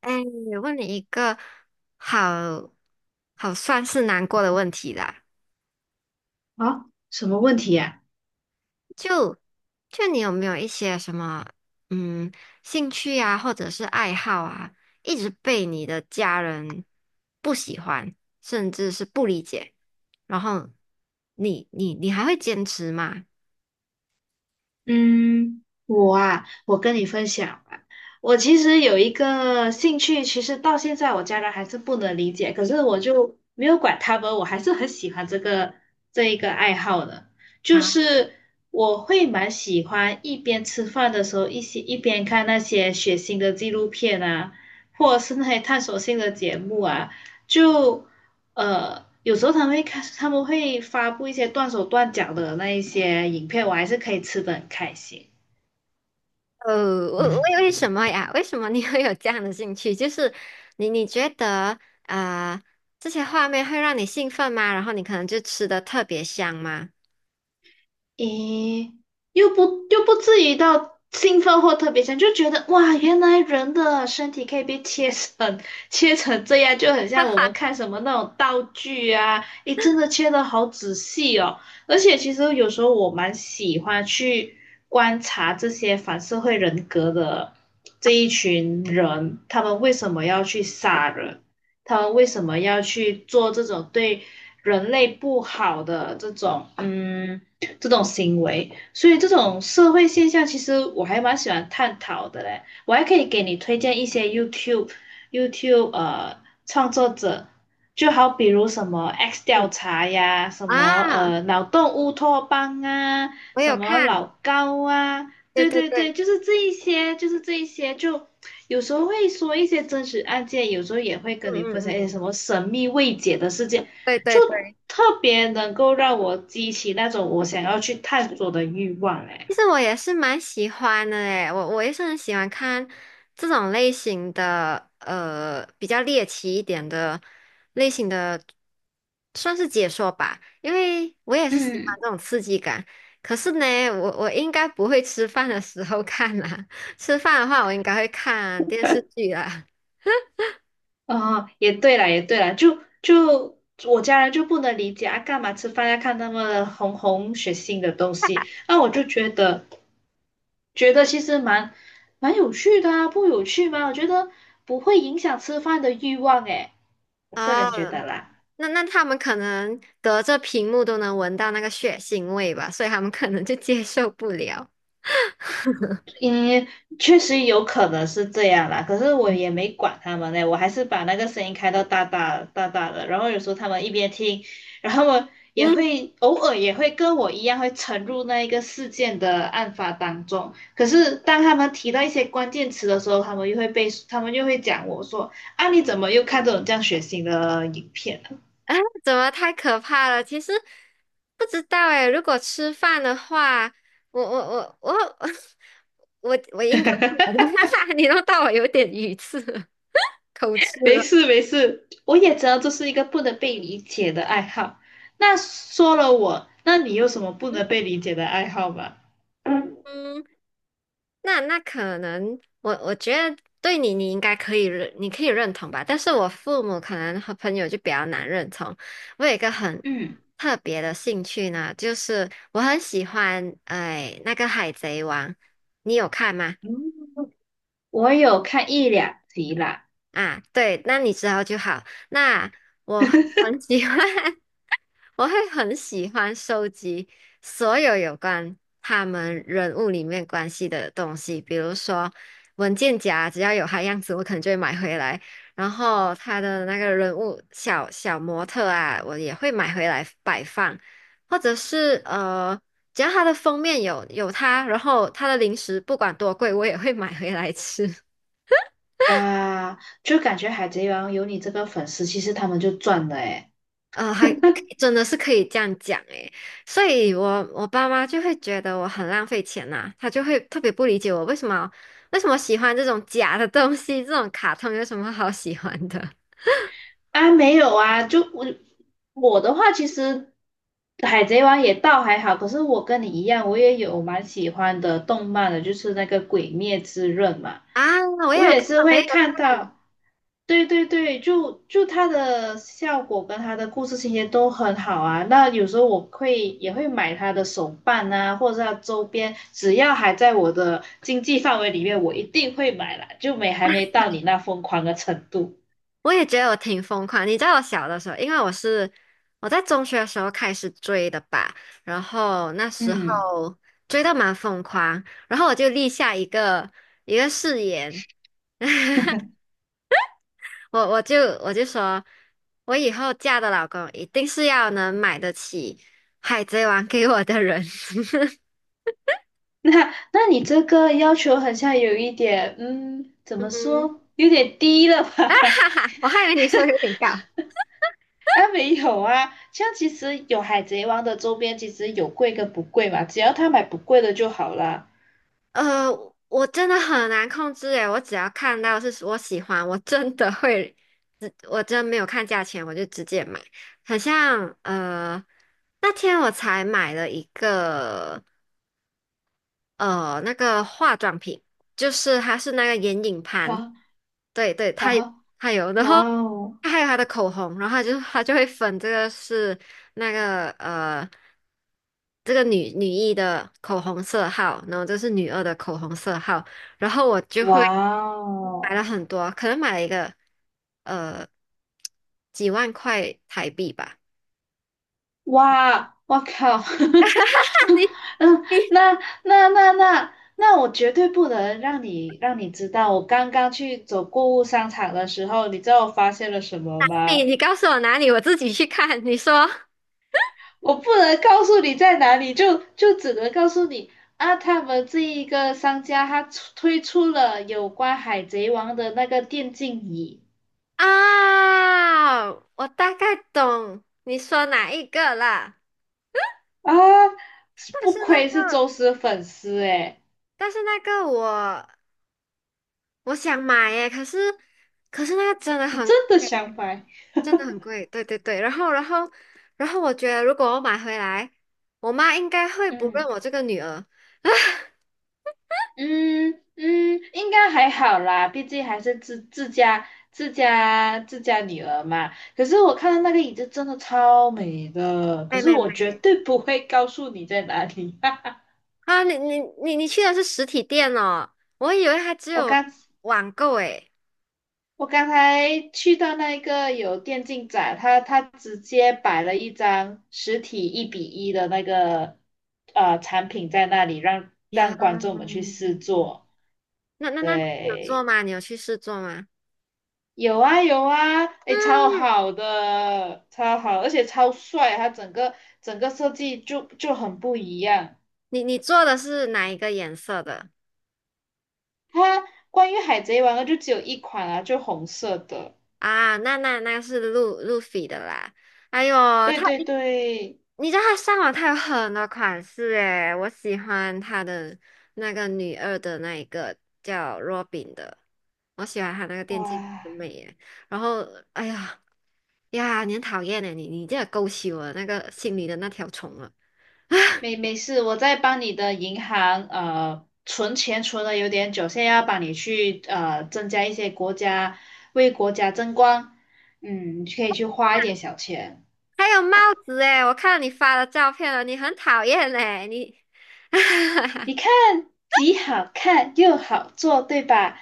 哎，问你一个好好算是难过的问题啦，啊，什么问题呀？就就你有没有一些什么嗯兴趣啊，或者是爱好啊，一直被你的家人不喜欢，甚至是不理解，然后你还会坚持吗？嗯，我啊，我跟你分享吧。我其实有一个兴趣，其实到现在我家人还是不能理解，可是我就没有管他们，我还是很喜欢这一个爱好的。就啊？是我会蛮喜欢一边吃饭的时候，一边看那些血腥的纪录片啊，或者是那些探索性的节目啊，就有时候他们会看，他们会发布一些断手断脚的那一些影片，我还是可以吃的很开心。呃，为嗯为什么呀？为什么你 会有这样的兴趣？就是你觉得啊、这些画面会让你兴奋吗？然后你可能就吃的特别香吗？咦，又不又不至于到兴奋或特别强，就觉得哇，原来人的身体可以被切成 切成这样，就很 哈像我们哈，看什么那种道具啊，诶，真的切的好仔细哦。而且其实有时候我蛮喜欢去观察这些反社会人格的这一群人，他们为什么要去杀人？他们为什么要去做这种对人类不好的这种行为。所以这种社会现象，其实我还蛮喜欢探讨的嘞。我还可以给你推荐一些 YouTube创作者，就好比如什么 X 嗯调查呀，什么啊，呃脑洞乌托邦啊，我有什么看，老高啊，对对对对对，对，就是这一些，就有时候会说一些真实案件，有时候也会嗯跟你分享嗯一些嗯，什么神秘未解的事件，对就对对。特别能够让我激起那种我想要去探索的欲望哎。其实我也是蛮喜欢的诶，我也是很喜欢看这种类型的，比较猎奇一点的类型的，算是解说吧，因为我也是喜嗯，欢这种刺激感。可是呢，我应该不会吃饭的时候看啦，吃饭的话我应该会看电视剧啦。哦，也对了，就我家人就不能理解啊，干嘛吃饭要看那么红红血腥的东西？那我就觉得，觉得其实蛮有趣的啊，不有趣吗？我觉得不会影响吃饭的欲望诶，我个哦，人觉得啦。那他们可能隔着屏幕都能闻到那个血腥味吧，所以他们可能就接受不了。嗯，确实有可能是这样啦，可是我也没管他们嘞，我还是把那个声音开到大大大大的，然后有时候他们一边听，然后我 也嗯。会偶尔也会跟我一样会沉入那一个事件的案发当中，可是当他们提到一些关键词的时候，他们又会讲我说啊你怎么又看这种这样血腥的影片？啊，怎么太可怕了？其实不知道哎。如果吃饭的话，我 我应该不能，你弄到我有点语塞了，口吃没了。事没事，我也知道这是一个不能被理解的爱好。那说了我，那你有什么不嗯能被理解的爱好吗？嗯嗯，那可能我觉得对你，你应该可以认，你可以认同吧。但是我父母可能和朋友就比较难认同。我有一个很嗯，特别的兴趣呢，就是我很喜欢哎那个《海贼王》，你有看吗？嗯，我有看一两集啦。啊，对，那你知道就好。那我会 很 喜欢，我会很喜欢收集所有有关他们人物里面关系的东西，比如说文件夹，只要有他样子，我可能就会买回来。然后他的那个人物小小模特啊，我也会买回来摆放，或者是只要他的封面有他，然后他的零食不管多贵，我也会买回来吃。哇，就感觉《海贼王》有你这个粉丝，其实他们就赚了诶。还真的是可以这样讲诶，所以我爸妈就会觉得我很浪费钱呐、他就会特别不理解我为什么为什么喜欢这种假的东西，这种卡通有什么好喜欢的 啊，没有啊，我的话，其实《海贼王》也倒还好，可是我跟你一样，我也有蛮喜欢的动漫的，就是那个《鬼灭之刃》嘛，啊？我也我有也看，是我也会有看看，到，对对对，它的效果跟它的故事情节都很好啊。那有时候也会买它的手办啊，或者是它周边，只要还在我的经济范围里面，我一定会买啦，就没还没到你那疯狂的程度，我也觉得我挺疯狂。你知道我小的时候，因为我在中学的时候开始追的吧，然后那时嗯。候追的蛮疯狂，然后我就立下一个誓言。我我就我就说，我以后嫁的老公一定是要能买得起《海贼王》给我的人。那那你这个要求好像有一点，嗯，怎么嗯，说，有点低了吧？哈哈，我还以为你说有点高。啊，没有啊，像其实有海贼王的周边，其实有贵跟不贵嘛，只要他买不贵的就好了。呃，我真的很难控制诶，我只要看到是我喜欢，我真的会，真没有看价钱，我就直接买。好像那天我才买了一个。那个化妆品，就是它是那个眼影盘，好，对对，好，它有好，它有，然哇后哦，它还有它的口红，然后它就会分这个是那个这个女一的口红色号，然后这是女二的口红色号，然后我就哇会买了哦。很多，可能买了一个呃几万块台币吧。哇，我靠，你 嗯，那我绝对不能让你知道，我刚刚去走购物商场的时候，你知道我发现了什么你吗？你告诉我哪里，我自己去看。你说。我不能告诉你在哪里，只能告诉你啊，他们这一个商家推出了有关海贼王的那个电竞椅啊，我大概懂你说哪一个啦，啊，但不是那愧是个，宙斯粉丝诶，但是那个我想买耶，可是那个真的你很真的贵，想买，真的很贵，对对对，然后我觉得如果我买回来，我妈应该会不认嗯。我这个女儿。嗯嗯，应该还好啦，毕竟还是自家女儿嘛。可是我看到那个椅子真的超美的，可没是没没我绝对不会告诉你在哪里。啊，你去的是实体店哦，我以为它只我有刚网购诶。我刚才去到那个有电竞展，他直接摆了一张实体1比1的那个产品在那里，让呀，让观众们去试坐。那你有做对。吗？你有去试做吗？有啊有啊，诶，超嗯。好的，超好，而且超帅，它整个整个设计很不一样。你你做的是哪一个颜色的它关于海贼王的就只有一款啊，就红色的。啊？那是路飞的啦。哎呦，对它对对，你知道它上网它有很多款式诶，我喜欢它的那个女二的那一个叫 Robin 的，我喜欢它那个电竞很哇，美耶。然后哎呀呀，你很讨厌诶，你这勾起我那个心里的那条虫了。没没事，我在帮你的银行存钱存了有点久，现在要帮你去增加一些为国家争光，嗯，你可以去花一点小钱。还有帽子诶，我看到你发的照片了，你很讨厌诶，你。你 看，既好看又好做，对吧？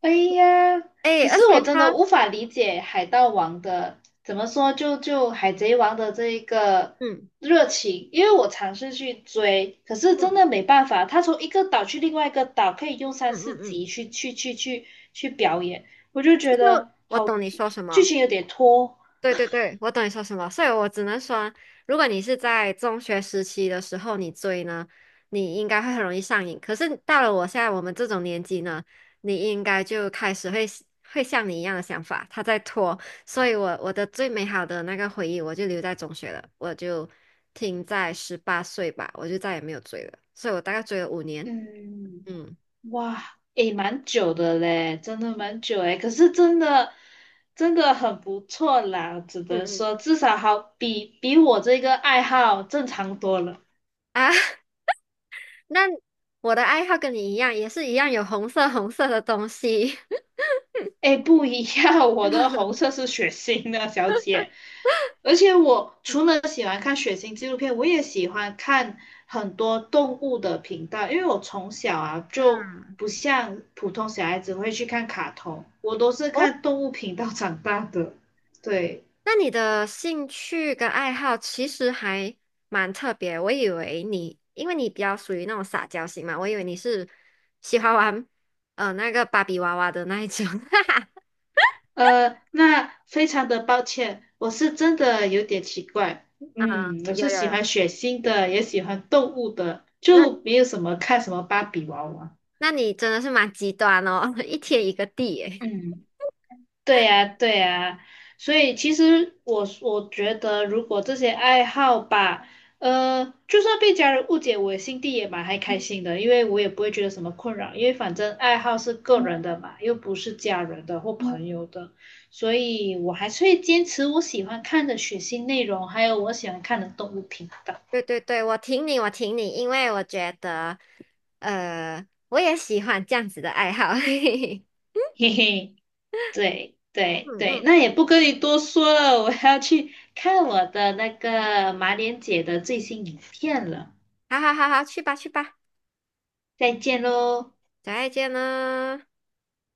哎呀，哎，可而是且我真的他，无法理解海盗王的，怎么说海贼王的这一个嗯热情，因为我尝试去追，可是真嗯的没办法，他从一个岛去另外一个岛，可以用三嗯四嗯集嗯，去表演，我就就觉是得我好，懂你说什剧么，情有点拖，对对对，我懂你说什么，所以我只能说，如果你是在中学时期的时候你追呢，你应该会很容易上瘾。可是到了我现在我们这种年纪呢，你应该就开始会像你一样的想法，他在拖，所以我的最美好的那个回忆我就留在中学了，我就停在18岁吧，我就再也没有追了，所以我大概追了5年，嗯。嗯哇，诶，蛮久的嘞，真的蛮久诶。可是真的，真的很不错啦，只能嗯嗯，说至少好比我这个爱好正常多了。啊。那我的爱好跟你一样，也是一样有红色的东西。诶，不一样，我的红色是血腥的，小姐。而且我除了喜欢看血腥纪录片，我也喜欢看很多动物的频道，因为我从小啊就嗯，不像普通小孩子会去看卡通，我都是哦，看动物频道长大的。对。那你的兴趣跟爱好其实还蛮特别。我以为你，因为你比较属于那种撒娇型嘛，我以为你是喜欢玩那个芭比娃娃的那一种。哈哈，呃，那非常的抱歉，我是真的有点奇怪。嗯，我有是有喜有，欢血腥的，也喜欢动物的，那就没有什么看什么芭比娃娃。那你真的是蛮极端哦，一天一个地诶。嗯。对呀，对呀，所以其实我我觉得，如果这些爱好吧，呃，就算被家人误解，我心地也蛮还开心的，因为我也不会觉得什么困扰，因为反正爱好是个人的嘛，又不是家人的或朋友的，所以我还是会坚持我喜欢看的血腥内容，还有我喜欢看的动物频道。对对对，我挺你，我挺你，因为我觉得，我也喜欢这样子的爱好。嘿嘿，对对嗯对，嗯。那也不跟你多说了，我要去看我的那个马脸姐的最新影片了。好好好好，去吧去吧，再见喽。再见了。